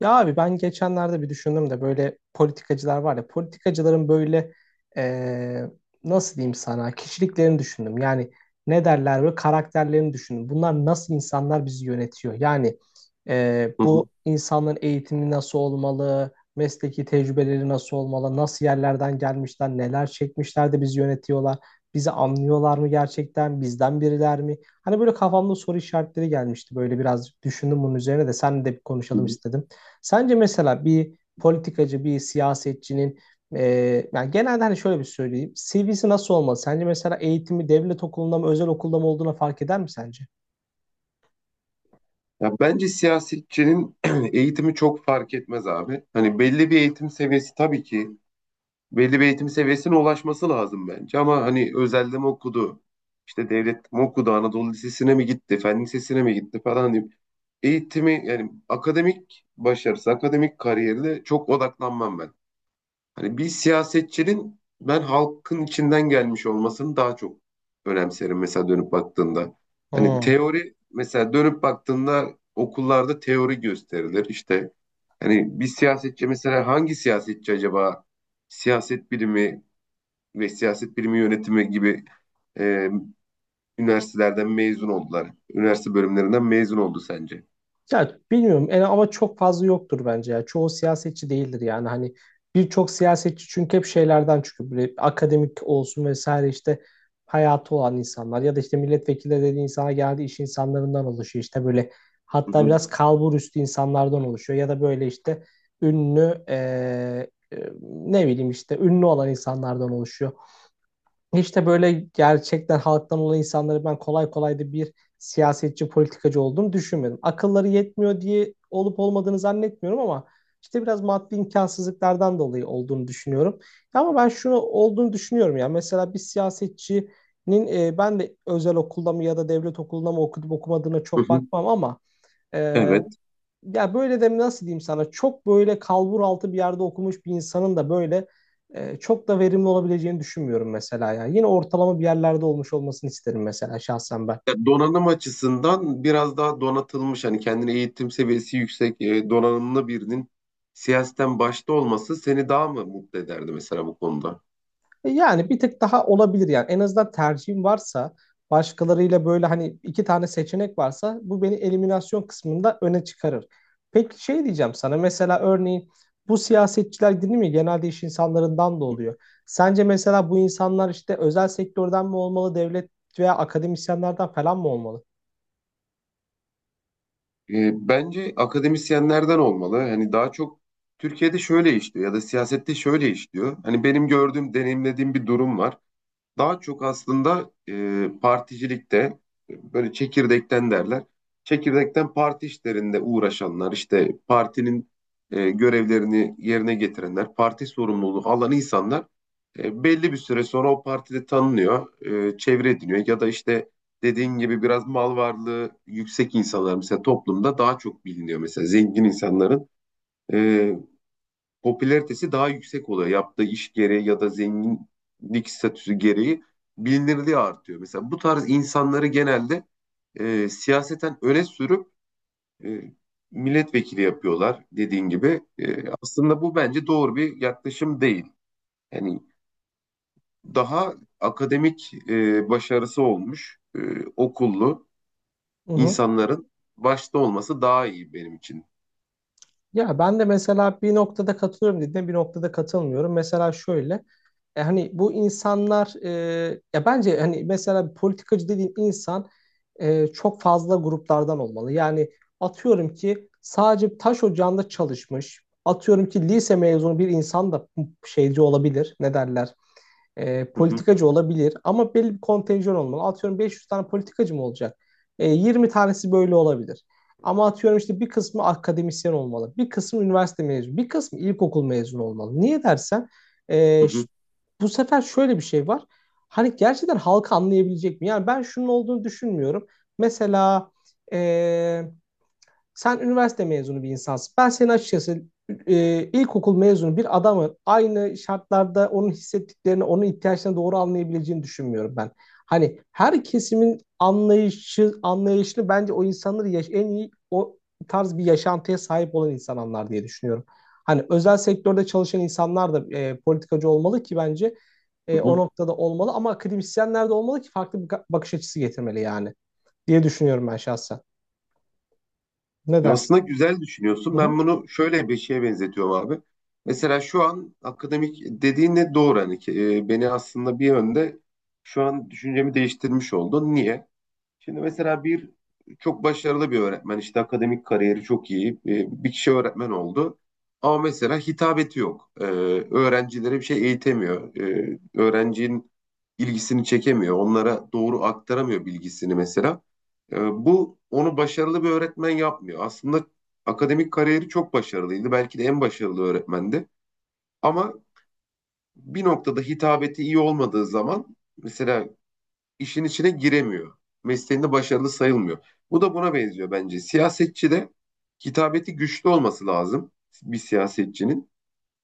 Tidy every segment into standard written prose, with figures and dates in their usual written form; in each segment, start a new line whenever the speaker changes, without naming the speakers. Ya abi ben geçenlerde bir düşündüm de böyle politikacılar var ya politikacıların böyle eee, nasıl diyeyim sana kişiliklerini düşündüm. Yani ne derler böyle karakterlerini düşündüm. Bunlar nasıl insanlar bizi yönetiyor? Yani
Hı
bu
hı,
insanların eğitimi nasıl olmalı? Mesleki tecrübeleri nasıl olmalı? Nasıl yerlerden gelmişler? Neler çekmişler de bizi yönetiyorlar? Bizi anlıyorlar mı gerçekten? Bizden biriler mi? Hani böyle kafamda soru işaretleri gelmişti. Böyle biraz düşündüm bunun üzerine de seninle de bir
hı
konuşalım
hı.
istedim. Sence mesela bir politikacı, bir siyasetçinin e, yani genelde hani şöyle bir söyleyeyim. CV'si nasıl olmalı? Sence mesela eğitimi devlet okulunda mı, özel okulda mı olduğuna fark eder mi sence?
Ya bence siyasetçinin eğitimi çok fark etmez abi. Hani belli bir eğitim seviyesi tabii ki belli bir eğitim seviyesine ulaşması lazım bence. Ama hani özelde mi okudu, işte devlet mi okudu, Anadolu Lisesi'ne mi gitti, Fen Lisesi'ne mi gitti falan diyeyim. Eğitimi yani akademik başarısı, akademik kariyerine çok odaklanmam ben. Hani bir siyasetçinin ben halkın içinden gelmiş olmasını daha çok önemserim mesela dönüp baktığında. Hani
Hmm.
teori mesela dönüp baktığında okullarda teori gösterilir. İşte hani bir siyasetçi mesela hangi siyasetçi acaba siyaset bilimi ve siyaset bilimi yönetimi gibi e, üniversitelerden mezun oldular. Üniversite bölümlerinden mezun oldu sence?
Ya bilmiyorum yani ama çok fazla yoktur bence ya. Çoğu siyasetçi değildir yani hani birçok siyasetçi çünkü hep şeylerden çıkıyor. Böyle akademik olsun vesaire işte hayatı olan insanlar ya da işte milletvekili dediği insana geldi iş insanlarından oluşuyor. İşte böyle
Hı
hatta
hı,
biraz kalbur üstü insanlardan oluşuyor ya da böyle işte ünlü ne bileyim işte ünlü olan insanlardan oluşuyor. İşte böyle gerçekten halktan olan insanları ben kolay kolay da bir siyasetçi, politikacı olduğunu düşünmedim. Akılları yetmiyor diye olup olmadığını zannetmiyorum ama işte biraz maddi imkansızlıklardan dolayı olduğunu düşünüyorum. Ama ben şunu olduğunu düşünüyorum ya. Mesela bir siyasetçinin ben de özel okulda mı ya da devlet okulunda mı okudum okumadığına
hı
çok
hı.
bakmam ama e,
Evet.
ya böyle de nasıl diyeyim sana çok böyle kalbur altı bir yerde okumuş bir insanın da böyle çok da verimli olabileceğini düşünmüyorum mesela ya. Yine ortalama bir yerlerde olmuş olmasını isterim mesela şahsen ben.
Ya donanım açısından biraz daha donatılmış hani kendine eğitim seviyesi yüksek donanımlı birinin siyasetten başta olması seni daha mı mutlu ederdi mesela bu konuda?
Yani bir tık daha olabilir yani. En azından tercihim varsa başkalarıyla böyle hani iki tane seçenek varsa bu beni eliminasyon kısmında öne çıkarır. Peki şey diyeceğim sana mesela örneğin bu siyasetçiler değil mi genelde iş insanlarından da oluyor. Sence mesela bu insanlar işte özel sektörden mi olmalı devlet veya akademisyenlerden falan mı olmalı?
Bence akademisyenlerden olmalı. Hani daha çok Türkiye'de şöyle işliyor ya da siyasette şöyle işliyor. Hani benim gördüğüm, deneyimlediğim bir durum var. Daha çok aslında particilikte böyle çekirdekten derler. Çekirdekten parti işlerinde uğraşanlar işte partinin görevlerini yerine getirenler, parti sorumluluğu alan insanlar belli bir süre sonra o partide tanınıyor, çevre ediniyor ya da işte dediğin gibi biraz mal varlığı yüksek insanlar mesela toplumda daha çok biliniyor mesela zengin insanların. E, popülaritesi daha yüksek oluyor. Yaptığı iş gereği ya da zenginlik statüsü gereği bilinirliği artıyor. Mesela bu tarz insanları genelde siyaseten öne sürüp e, milletvekili yapıyorlar dediğin gibi. Aslında bu bence doğru bir yaklaşım değil. Yani daha akademik başarısı olmuş okullu insanların başta olması daha iyi benim için.
Ya ben de mesela bir noktada katılıyorum dediğine bir noktada katılmıyorum. Mesela şöyle hani bu insanlar ya bence hani mesela bir politikacı dediğin insan çok fazla gruplardan olmalı. Yani atıyorum ki sadece taş ocağında çalışmış. Atıyorum ki lise mezunu bir insan da şeyci olabilir. Ne derler?
Hı hı,
Politikacı olabilir ama belli bir kontenjan olmalı. Atıyorum 500 tane politikacı mı olacak? E, 20 tanesi böyle olabilir. Ama atıyorum işte bir kısmı akademisyen olmalı, bir kısmı üniversite mezunu, bir kısmı ilkokul mezunu olmalı. Niye dersen
hı
e,
hı,
ş- bu sefer şöyle bir şey var. Hani gerçekten halkı anlayabilecek mi? Yani ben şunun olduğunu düşünmüyorum. Mesela e, sen üniversite mezunu bir insansın. Ben senin açıkçası ilkokul mezunu bir adamın aynı şartlarda onun hissettiklerini, onun ihtiyaçlarını doğru anlayabileceğini düşünmüyorum ben. Hani her kesimin anlayışı, anlayışını bence o insanları yaş en iyi o tarz bir yaşantıya sahip olan insanlar diye düşünüyorum. Hani özel sektörde çalışan insanlar da politikacı olmalı ki bence
hı
o
hı.
noktada olmalı ama akademisyenler de olmalı ki farklı bakış açısı getirmeli yani diye düşünüyorum ben şahsen. Ne
Ya, aslında
dersin?
güzel düşünüyorsun.
Hı hı.
Ben bunu şöyle bir şeye benzetiyorum abi. Mesela şu an akademik dediğin de doğru. Hani ki, beni aslında bir yönde şu an düşüncemi değiştirmiş oldun. Niye? Şimdi mesela bir çok başarılı bir öğretmen işte akademik kariyeri çok iyi bir kişi öğretmen oldu. Ama mesela hitabeti yok. Öğrencilere bir şey eğitemiyor. Öğrencinin ilgisini çekemiyor. Onlara doğru aktaramıyor bilgisini mesela. Ee, bu onu başarılı bir öğretmen yapmıyor. Aslında akademik kariyeri çok başarılıydı. Belki de en başarılı öğretmendi. Ama bir noktada hitabeti iyi olmadığı zaman mesela işin içine giremiyor. Mesleğinde başarılı sayılmıyor. Bu da buna benziyor bence. Siyasetçi de hitabeti güçlü olması lazım bir siyasetçinin.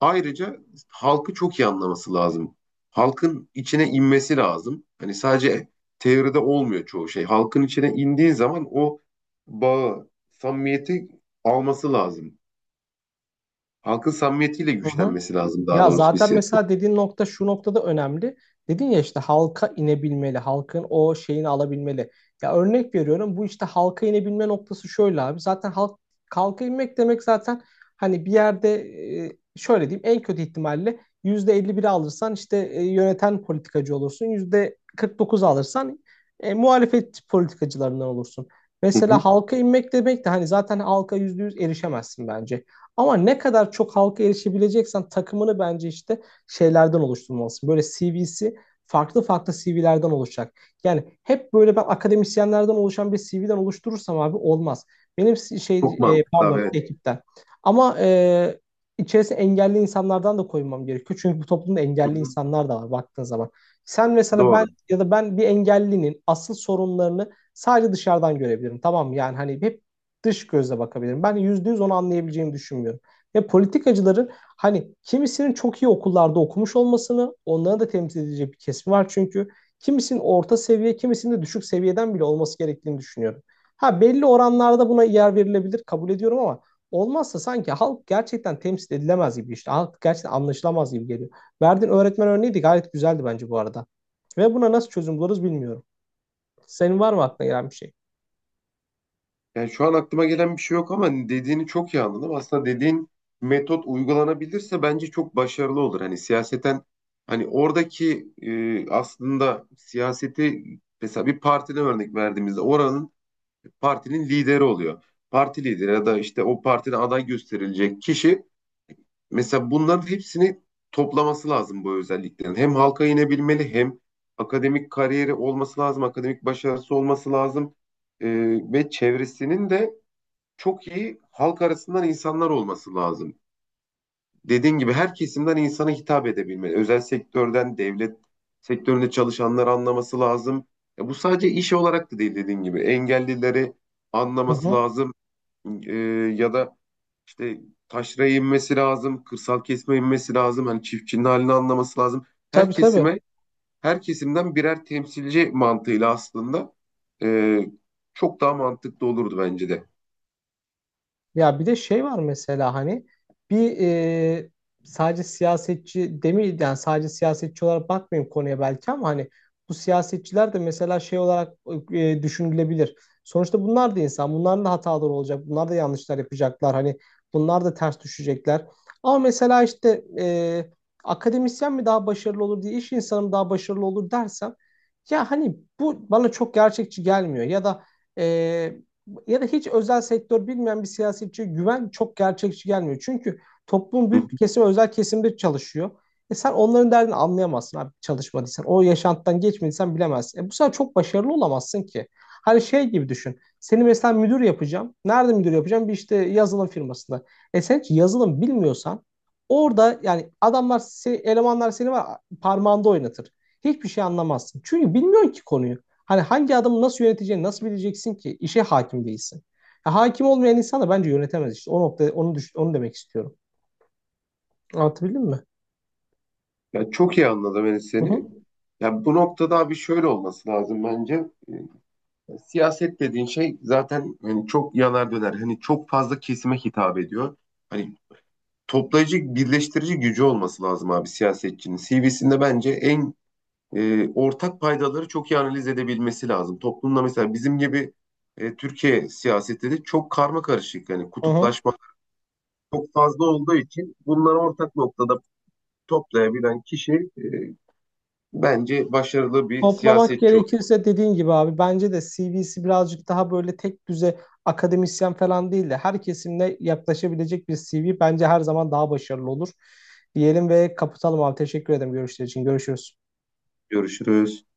Ayrıca halkı çok iyi anlaması lazım. Halkın içine inmesi lazım. Hani sadece teoride olmuyor çoğu şey. Halkın içine indiği zaman o bağı, samimiyeti alması lazım. Halkın samimiyetiyle
Hı hı.
güçlenmesi lazım daha
Ya
doğrusu bir
zaten
siyaset.
mesela dediğin nokta şu noktada önemli. Dedin ya işte halka inebilmeli, halkın o şeyini alabilmeli. Ya örnek veriyorum bu işte halka inebilme noktası şöyle abi. Zaten halk Halka inmek demek zaten hani bir yerde şöyle diyeyim en kötü ihtimalle %51 alırsan işte yöneten politikacı olursun. %49 alırsan muhalefet politikacılarından olursun.
Hı hı.
Mesela halka inmek demek de hani zaten halka %100 erişemezsin bence. Ama ne kadar çok halka erişebileceksen takımını bence işte şeylerden oluşturmalısın. Böyle CV'si farklı farklı CV'lerden oluşacak. Yani hep böyle ben akademisyenlerden oluşan bir CV'den oluşturursam abi olmaz. Benim si-, şey
Çok
e,
mantıklı abi.
Pardon
Evet.
ekipten. Ama içerisine engelli insanlardan da koymam gerekiyor. Çünkü bu toplumda
Hı
engelli
hı.
insanlar da var baktığın zaman. Sen mesela ben
Doğru.
ya da Ben bir engellinin asıl sorunlarını sadece dışarıdan görebilirim. Tamam mı? Yani hani hep dış gözle bakabilirim. Ben yüzde yüz onu anlayabileceğimi düşünmüyorum. Ve politikacıların hani kimisinin çok iyi okullarda okumuş olmasını onları da temsil edecek bir kesimi var çünkü. Kimisinin orta seviye, kimisinin de düşük seviyeden bile olması gerektiğini düşünüyorum. Ha belli oranlarda buna yer verilebilir kabul ediyorum ama olmazsa sanki halk gerçekten temsil edilemez gibi işte. Halk gerçekten anlaşılamaz gibi geliyor. Verdiğin öğretmen örneği de gayet güzeldi bence bu arada. Ve buna nasıl çözüm buluruz bilmiyorum. Senin var mı aklına gelen bir şey?
Yani şu an aklıma gelen bir şey yok ama dediğini çok iyi anladım. Aslında dediğin metot uygulanabilirse bence çok başarılı olur. Hani siyaseten hani oradaki aslında siyaseti mesela bir partiden örnek verdiğimizde oranın partinin lideri oluyor. Parti lideri ya da işte o partide aday gösterilecek kişi mesela bunların hepsini toplaması lazım bu özelliklerin. Hem halka inebilmeli hem akademik kariyeri olması lazım, akademik başarısı olması lazım. E, ve çevresinin de çok iyi halk arasından insanlar olması lazım. Dediğin gibi her kesimden insana hitap edebilmeli. Özel sektörden, devlet sektöründe çalışanları anlaması lazım. Bu sadece iş olarak da değil dediğin gibi. Engellileri
Hı
anlaması
hı.
lazım. E, ya da işte taşraya inmesi lazım, kırsal kesime inmesi lazım. Hani çiftçinin halini anlaması lazım. Her
Tabii tabii.
kesime, her kesimden birer temsilci mantığıyla aslında e, çok daha mantıklı olurdu bence de.
Ya bir de şey var mesela hani bir e, sadece siyasetçi demeyeyim yani sadece siyasetçi olarak bakmayayım konuya belki ama hani bu siyasetçiler de mesela şey olarak düşünülebilir. Sonuçta bunlar da insan. Bunların da hataları olacak. Bunlar da yanlışlar yapacaklar. Hani bunlar da ters düşecekler. Ama mesela işte akademisyen mi daha başarılı olur diye iş insanı mı daha başarılı olur dersem ya hani bu bana çok gerçekçi gelmiyor. Ya da hiç özel sektör bilmeyen bir siyasetçiye güven çok gerçekçi gelmiyor. Çünkü toplumun
Hı
büyük
hı.
bir kesimi özel kesimde çalışıyor. E sen onların derdini anlayamazsın abi çalışmadıysan. O yaşantıdan geçmediysen bilemezsin. E bu sefer çok başarılı olamazsın ki. Hani şey gibi düşün. Seni mesela müdür yapacağım. Nerede müdür yapacağım? Bir işte yazılım firmasında. E sen hiç yazılım bilmiyorsan orada yani elemanlar seni var parmağında oynatır. Hiçbir şey anlamazsın. Çünkü bilmiyorsun ki konuyu. Hani hangi adımı nasıl yöneteceğini nasıl bileceksin ki? İşe hakim değilsin. Ya hakim olmayan insan da bence yönetemez işte. O nokta onu düş- Onu demek istiyorum. Anlatabildim mi?
Ya çok iyi anladım Enes
Hı hı.
seni. Ya bu noktada abi şöyle olması lazım bence. Siyaset dediğin şey zaten hani çok yanar döner. Hani çok fazla kesime hitap ediyor. Hani toplayıcı, birleştirici gücü olması lazım abi siyasetçinin. CV'sinde bence en ortak paydaları çok iyi analiz edebilmesi lazım. Toplumda mesela bizim gibi Türkiye siyaseti de çok karma karışık. Yani
Hı hı.
kutuplaşma çok fazla olduğu için bunları ortak noktada toplayabilen kişi e, bence başarılı bir
Toplamak
siyasetçi olur.
gerekirse dediğin gibi abi bence de CV'si birazcık daha böyle tek düze akademisyen falan değil de her kesimle yaklaşabilecek bir CV bence her zaman daha başarılı olur. Diyelim ve kapatalım abi. Teşekkür ederim görüşler için. Görüşürüz.
Görüşürüz.